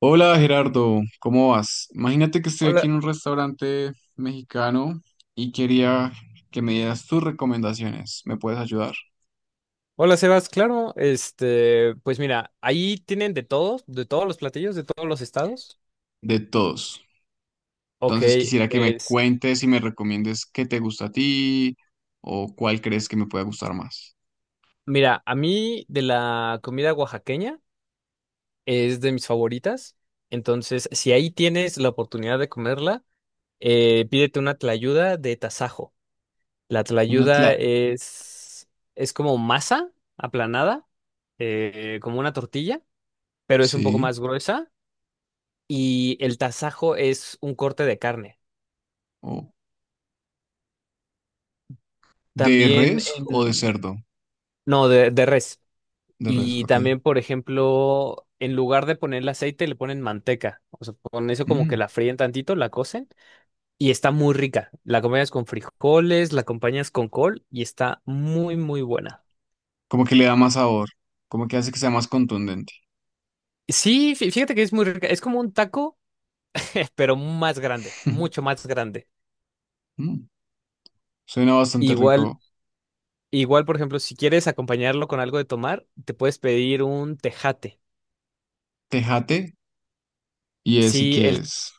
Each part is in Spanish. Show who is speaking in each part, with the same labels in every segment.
Speaker 1: Hola Gerardo, ¿cómo vas? Imagínate que estoy aquí
Speaker 2: Hola,
Speaker 1: en un restaurante mexicano y quería que me dieras tus recomendaciones. ¿Me puedes ayudar?
Speaker 2: hola Sebas, claro, este, pues mira, ahí tienen de todos los platillos, de todos los estados.
Speaker 1: De todos.
Speaker 2: Ok,
Speaker 1: Entonces quisiera que me
Speaker 2: pues
Speaker 1: cuentes y me recomiendes qué te gusta a ti o cuál crees que me pueda gustar más.
Speaker 2: mira, a mí de la comida oaxaqueña es de mis favoritas, entonces si ahí tienes la oportunidad de comerla, pídete una tlayuda de tasajo. La
Speaker 1: Una tla...
Speaker 2: tlayuda es, es como masa aplanada, como una tortilla, pero es un poco
Speaker 1: Sí.
Speaker 2: más gruesa y el tasajo es un corte de carne.
Speaker 1: O ¿de
Speaker 2: También
Speaker 1: res o de
Speaker 2: en...
Speaker 1: cerdo?
Speaker 2: No, de res.
Speaker 1: De res,
Speaker 2: Y
Speaker 1: ok.
Speaker 2: también, por ejemplo, en lugar de ponerle aceite, le ponen manteca. O sea, con eso como que
Speaker 1: Mm.
Speaker 2: la fríen tantito, la cocen y está muy rica. La acompañas con frijoles, la acompañas con col y está muy, muy buena.
Speaker 1: Como que le da más sabor, como que hace que sea más contundente.
Speaker 2: Sí, fíjate que es muy rica. Es como un taco, pero más grande, mucho más grande.
Speaker 1: Mm, suena bastante
Speaker 2: Igual,
Speaker 1: rico.
Speaker 2: igual, por ejemplo, si quieres acompañarlo con algo de tomar, te puedes pedir un tejate.
Speaker 1: Tejate y ese
Speaker 2: Sí,
Speaker 1: que
Speaker 2: el
Speaker 1: es.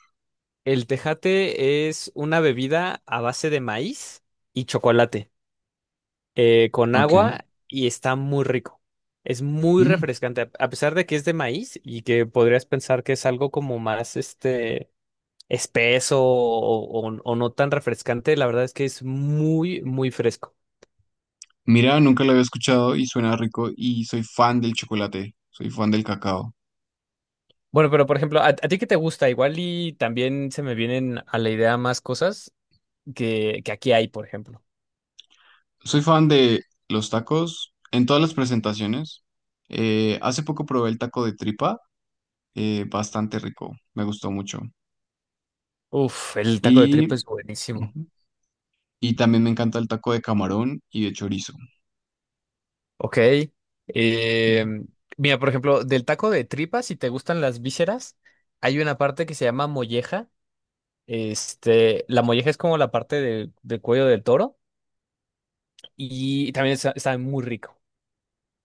Speaker 2: El tejate es una bebida a base de maíz y chocolate, con
Speaker 1: Ok.
Speaker 2: agua y está muy rico. Es muy
Speaker 1: Mm.
Speaker 2: refrescante, a pesar de que es de maíz y que podrías pensar que es algo como más espeso o no tan refrescante, la verdad es que es muy, muy fresco.
Speaker 1: Mira, nunca lo había escuchado y suena rico, y soy fan del chocolate, soy fan del cacao,
Speaker 2: Bueno, pero por ejemplo, a ti qué te gusta? Igual y también se me vienen a la idea más cosas que aquí hay, por ejemplo.
Speaker 1: soy fan de los tacos en todas las presentaciones. Hace poco probé el taco de tripa, bastante rico, me gustó mucho.
Speaker 2: Uf, el taco de tripa
Speaker 1: Y
Speaker 2: es buenísimo.
Speaker 1: ujú, y también me encanta el taco de camarón y de chorizo.
Speaker 2: Ok. eh,
Speaker 1: Ujú.
Speaker 2: mira, por ejemplo, del taco de tripa, si te gustan las vísceras, hay una parte que se llama molleja. Este, la molleja es como la parte del cuello del toro y también sabe muy rico.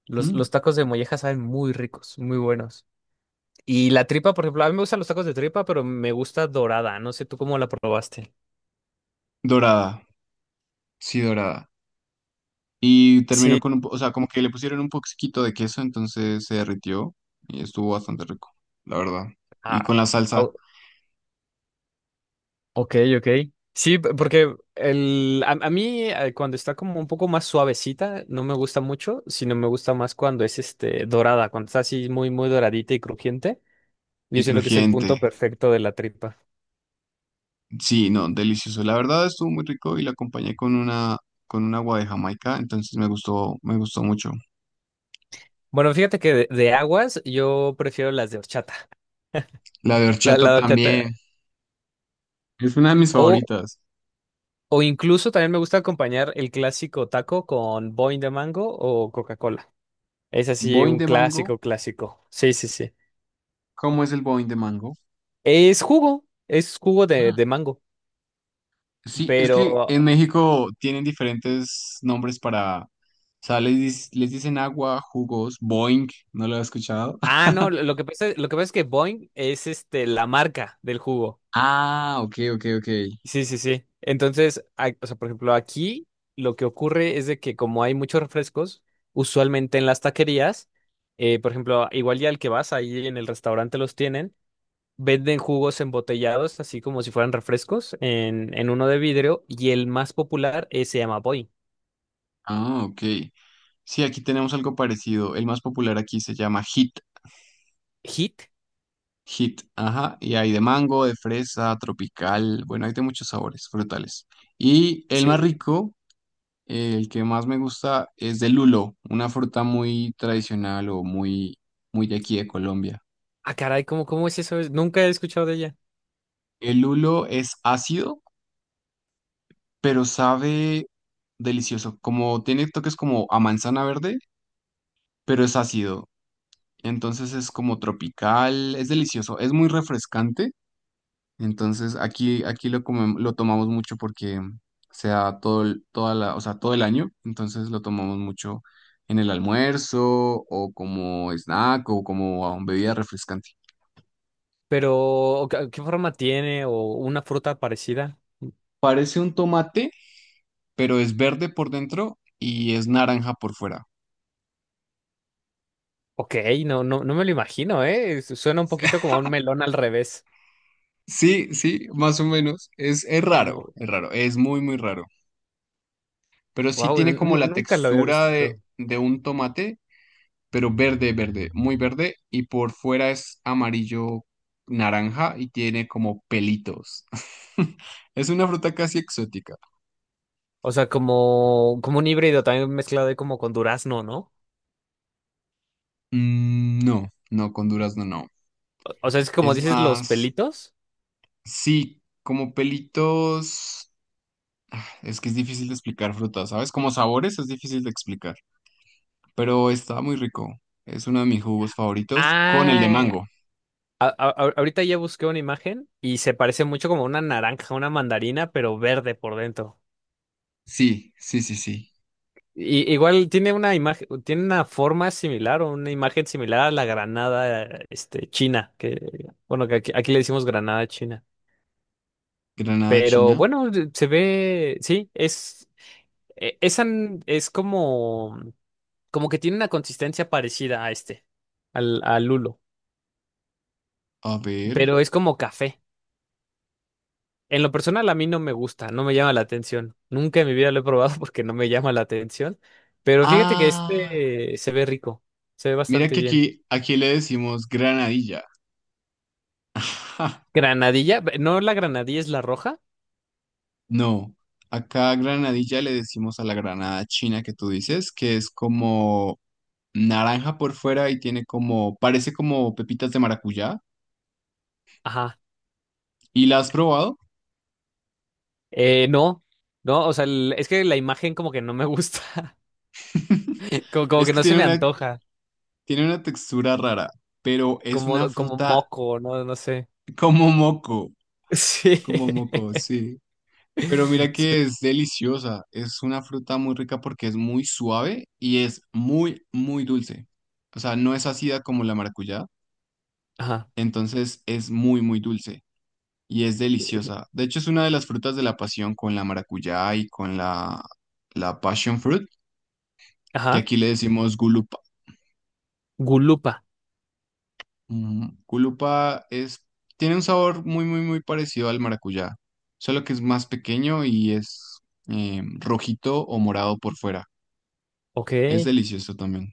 Speaker 1: Mm.
Speaker 2: Los tacos de molleja saben muy ricos, muy buenos. Y la tripa, por ejemplo, a mí me gustan los tacos de tripa, pero me gusta dorada. No sé tú cómo la probaste.
Speaker 1: Dorada, sí, dorada. Y terminó
Speaker 2: Sí.
Speaker 1: con un, o sea, como que le pusieron un poquito de queso, entonces se derritió y estuvo bastante rico, la verdad. Y
Speaker 2: Ah,
Speaker 1: con la salsa
Speaker 2: au- Ok, ok. Sí, porque el, a mí cuando está como un poco más suavecita, no me gusta mucho, sino me gusta más cuando es este dorada, cuando está así muy, muy doradita y crujiente. Yo
Speaker 1: y
Speaker 2: siento que es el
Speaker 1: crujiente.
Speaker 2: punto perfecto de la tripa.
Speaker 1: Sí, no, delicioso. La verdad estuvo muy rico y la acompañé con una, con un agua de Jamaica, entonces me gustó mucho.
Speaker 2: Bueno, fíjate que de aguas yo prefiero las de horchata.
Speaker 1: La de
Speaker 2: La
Speaker 1: horchata
Speaker 2: de
Speaker 1: también.
Speaker 2: horchata.
Speaker 1: Es una de mis
Speaker 2: O,
Speaker 1: favoritas.
Speaker 2: o incluso también me gusta acompañar el clásico taco con Boing de mango o Coca-Cola. Es así
Speaker 1: Boing
Speaker 2: un
Speaker 1: de mango.
Speaker 2: clásico, clásico. Sí, sí, sí.
Speaker 1: ¿Cómo es el boing de mango?
Speaker 2: Es jugo de mango.
Speaker 1: Sí, es que
Speaker 2: Pero,
Speaker 1: en México tienen diferentes nombres para, o sea, les, les dicen agua, jugos, boing, ¿no lo he escuchado?
Speaker 2: ah, no, lo que pasa es que Boing es este, la marca del jugo.
Speaker 1: Ah, ok, ok, ok.
Speaker 2: Sí, sí, sí. Entonces, a- o sea, por ejemplo, aquí lo que ocurre es de que como hay muchos refrescos, usualmente en las taquerías, por ejemplo, igual ya al que vas, ahí en el restaurante los tienen, venden jugos embotellados, así como si fueran refrescos, en uno de vidrio, y el más popular se llama Boing.
Speaker 1: Ah, ok. Sí, aquí tenemos algo parecido. El más popular aquí se llama hit,
Speaker 2: ¿Hit?
Speaker 1: hit, ajá. Y hay de mango, de fresa, tropical, bueno, hay de muchos sabores frutales. Y el más
Speaker 2: Sí.
Speaker 1: rico, el que más me gusta, es de lulo, una fruta muy tradicional o muy, muy de aquí de Colombia.
Speaker 2: Ah, caray, ¿cómo, cómo es eso? Nunca he escuchado de ella.
Speaker 1: El lulo es ácido, pero sabe delicioso. Como tiene toques como a manzana verde, pero es ácido. Entonces es como tropical, es delicioso, es muy refrescante. Entonces aquí, aquí lo lo tomamos mucho porque sea todo el, toda la, o sea, todo el año. Entonces lo tomamos mucho en el almuerzo o como snack o como bebida refrescante.
Speaker 2: Pero, qué forma tiene? ¿O una fruta parecida?
Speaker 1: Parece un tomate, pero es verde por dentro y es naranja por fuera.
Speaker 2: Ok, no, no, no me lo imagino, ¿eh? Su- Suena un poquito como un melón al revés.
Speaker 1: Sí, sí, más o menos. Es
Speaker 2: Como,
Speaker 1: raro, es raro, es muy, muy raro. Pero sí
Speaker 2: wow,
Speaker 1: tiene como la
Speaker 2: nunca lo había
Speaker 1: textura
Speaker 2: visto.
Speaker 1: de un tomate, pero verde, verde, muy verde. Y por fuera es amarillo naranja y tiene como pelitos. Es una fruta casi exótica.
Speaker 2: O sea, como un híbrido también mezclado ahí como con durazno, ¿no?
Speaker 1: Mm, no, no, con durazno no.
Speaker 2: O sea, es como
Speaker 1: Es
Speaker 2: dices los
Speaker 1: más,
Speaker 2: pelitos.
Speaker 1: sí, como pelitos. Es que es difícil de explicar frutas, ¿sabes? Como sabores es difícil de explicar, pero está muy rico. Es uno de mis jugos favoritos con el de
Speaker 2: Ah,
Speaker 1: mango.
Speaker 2: ahorita ya busqué una imagen y se parece mucho como una naranja, una mandarina, pero verde por dentro.
Speaker 1: Sí, sí, sí, sí.
Speaker 2: Y- igual tiene una imagen, tiene una forma similar o una imagen similar a la granada, este, china, que, bueno, aquí le decimos granada china.
Speaker 1: Granada
Speaker 2: Pero
Speaker 1: china.
Speaker 2: bueno, se ve, sí, e- esa n- es como, como que tiene una consistencia parecida a este, al lulo,
Speaker 1: A ver.
Speaker 2: pero es como café. En lo personal a mí no me gusta, no me llama la atención. Nunca en mi vida lo he probado porque no me llama la atención, pero fíjate que
Speaker 1: Ah,
Speaker 2: este se ve rico, se ve
Speaker 1: mira
Speaker 2: bastante
Speaker 1: que
Speaker 2: bien.
Speaker 1: aquí, aquí le decimos granadilla.
Speaker 2: Granadilla, no la granadilla es la roja.
Speaker 1: No, acá granadilla le decimos a la granada china que tú dices, que es como naranja por fuera y tiene como, parece como pepitas de maracuyá.
Speaker 2: Ajá.
Speaker 1: ¿Y la has probado?
Speaker 2: No, no, o sea, el- es que la imagen como que no me gusta, como
Speaker 1: Es
Speaker 2: que
Speaker 1: que
Speaker 2: no se me antoja,
Speaker 1: tiene una textura rara, pero es una
Speaker 2: como, como
Speaker 1: fruta
Speaker 2: moco, no, no sé.
Speaker 1: como moco.
Speaker 2: Sí.
Speaker 1: Como moco, sí. Pero mira
Speaker 2: Sí.
Speaker 1: que es deliciosa. Es una fruta muy rica porque es muy suave y es muy, muy dulce. O sea, no es ácida como la maracuyá.
Speaker 2: Ajá.
Speaker 1: Entonces es muy, muy dulce y es deliciosa. De hecho, es una de las frutas de la pasión con la maracuyá y con la, la passion fruit, que
Speaker 2: Ajá.
Speaker 1: aquí le decimos gulupa.
Speaker 2: Gulupa.
Speaker 1: Mm, gulupa es, tiene un sabor muy, muy, muy parecido al maracuyá, solo que es más pequeño y es rojito o morado por fuera.
Speaker 2: Ok.
Speaker 1: Es
Speaker 2: Fí-
Speaker 1: delicioso también.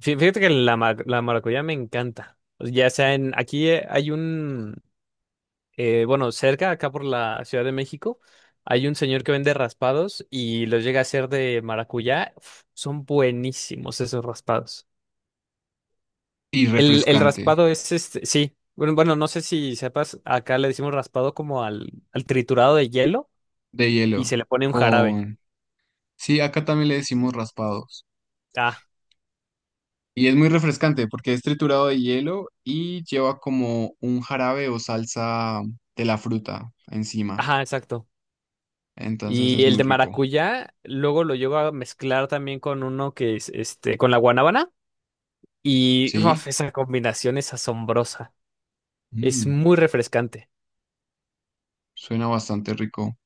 Speaker 2: Fíjate que ma- la maracuyá me encanta. Ya sea aquí hay un, bueno, cerca, acá por la Ciudad de México, hay un señor que vende raspados y los llega a hacer de maracuyá. Uf, son buenísimos esos raspados.
Speaker 1: Y
Speaker 2: El
Speaker 1: refrescante,
Speaker 2: raspado es este, sí. Bueno, bueno, no sé si sepas, acá le decimos raspado como al triturado de hielo
Speaker 1: de
Speaker 2: y se
Speaker 1: hielo,
Speaker 2: le pone un jarabe.
Speaker 1: con... Sí, acá también le decimos raspados.
Speaker 2: Ah,
Speaker 1: Y es muy refrescante porque es triturado de hielo y lleva como un jarabe o salsa de la fruta encima.
Speaker 2: ajá, exacto.
Speaker 1: Entonces
Speaker 2: Y
Speaker 1: es
Speaker 2: el
Speaker 1: muy
Speaker 2: de
Speaker 1: rico.
Speaker 2: maracuyá, luego lo llevo a mezclar también con uno que es este, con la guanábana y
Speaker 1: Sí,
Speaker 2: uf, esa combinación es asombrosa. Es
Speaker 1: mm,
Speaker 2: muy refrescante.
Speaker 1: suena bastante rico.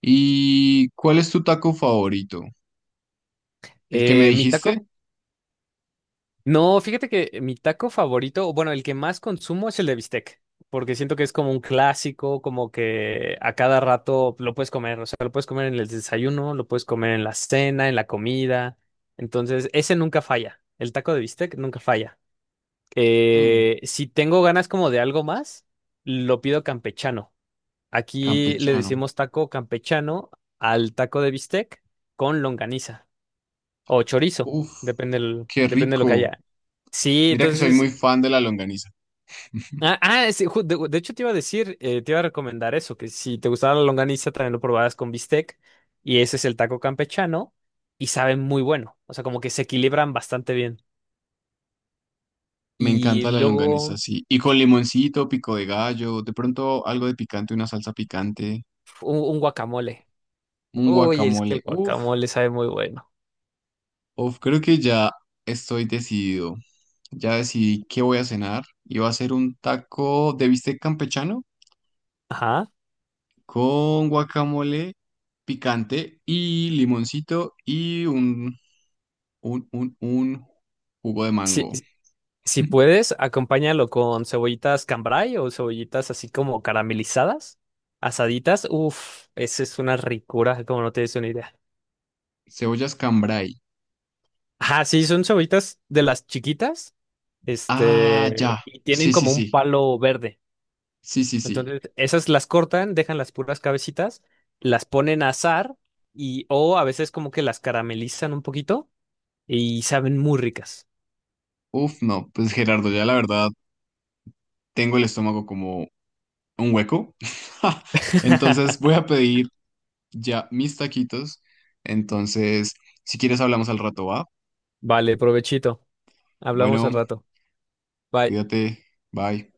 Speaker 1: ¿Y cuál es tu taco favorito? ¿El que me
Speaker 2: Eh, mi taco,
Speaker 1: dijiste?
Speaker 2: no, fíjate que mi taco favorito, o bueno, el que más consumo es el de bistec, porque siento que es como un clásico, como que a cada rato lo puedes comer, o sea, lo puedes comer en el desayuno, lo puedes comer en la cena, en la comida, entonces ese nunca falla, el taco de bistec nunca falla.
Speaker 1: Mm,
Speaker 2: Si tengo ganas como de algo más, lo pido campechano. Aquí le
Speaker 1: campechano.
Speaker 2: decimos taco campechano al taco de bistec con longaniza. O chorizo,
Speaker 1: Uf,
Speaker 2: depende, el-
Speaker 1: qué
Speaker 2: depende de lo que
Speaker 1: rico.
Speaker 2: haya. Sí,
Speaker 1: Mira que soy
Speaker 2: entonces.
Speaker 1: muy fan de la longaniza.
Speaker 2: Ah, ah, sí, ju- de hecho te iba a decir, te iba a recomendar eso, que si te gustaba la longaniza, también lo probaras con bistec. Y ese es el taco campechano. Y sabe muy bueno. O sea, como que se equilibran bastante bien.
Speaker 1: Me encanta
Speaker 2: Y
Speaker 1: la
Speaker 2: luego
Speaker 1: longaniza, sí. Y con limoncito, pico de gallo, de pronto algo de picante, una salsa picante,
Speaker 2: un guacamole.
Speaker 1: un
Speaker 2: Uy, es que el
Speaker 1: guacamole. Uf,
Speaker 2: guacamole sabe muy bueno.
Speaker 1: uf, creo que ya estoy decidido. Ya decidí qué voy a cenar. Y va a ser un taco de bistec campechano
Speaker 2: Ajá.
Speaker 1: con guacamole picante y limoncito y un jugo de
Speaker 2: Sí.
Speaker 1: mango.
Speaker 2: Si puedes, acompáñalo con cebollitas cambray o cebollitas así como caramelizadas, asaditas. Uf, esa es una ricura, como no tienes una idea.
Speaker 1: Cebollas cambray.
Speaker 2: Ajá, sí, son cebollitas de las chiquitas,
Speaker 1: Ah, ya.
Speaker 2: este, y tienen
Speaker 1: Sí, sí,
Speaker 2: como un
Speaker 1: sí.
Speaker 2: palo verde.
Speaker 1: Sí, sí, sí.
Speaker 2: Entonces, esas las cortan, dejan las puras cabecitas, las ponen a asar y o a veces como que las caramelizan un poquito y saben muy ricas.
Speaker 1: Uf, no, pues Gerardo, ya la verdad tengo el estómago como un hueco. Entonces voy a pedir ya mis taquitos. Entonces, si quieres hablamos al rato, ¿va?
Speaker 2: Vale, provechito. Hablamos al
Speaker 1: Bueno,
Speaker 2: rato. Bye.
Speaker 1: cuídate. Bye.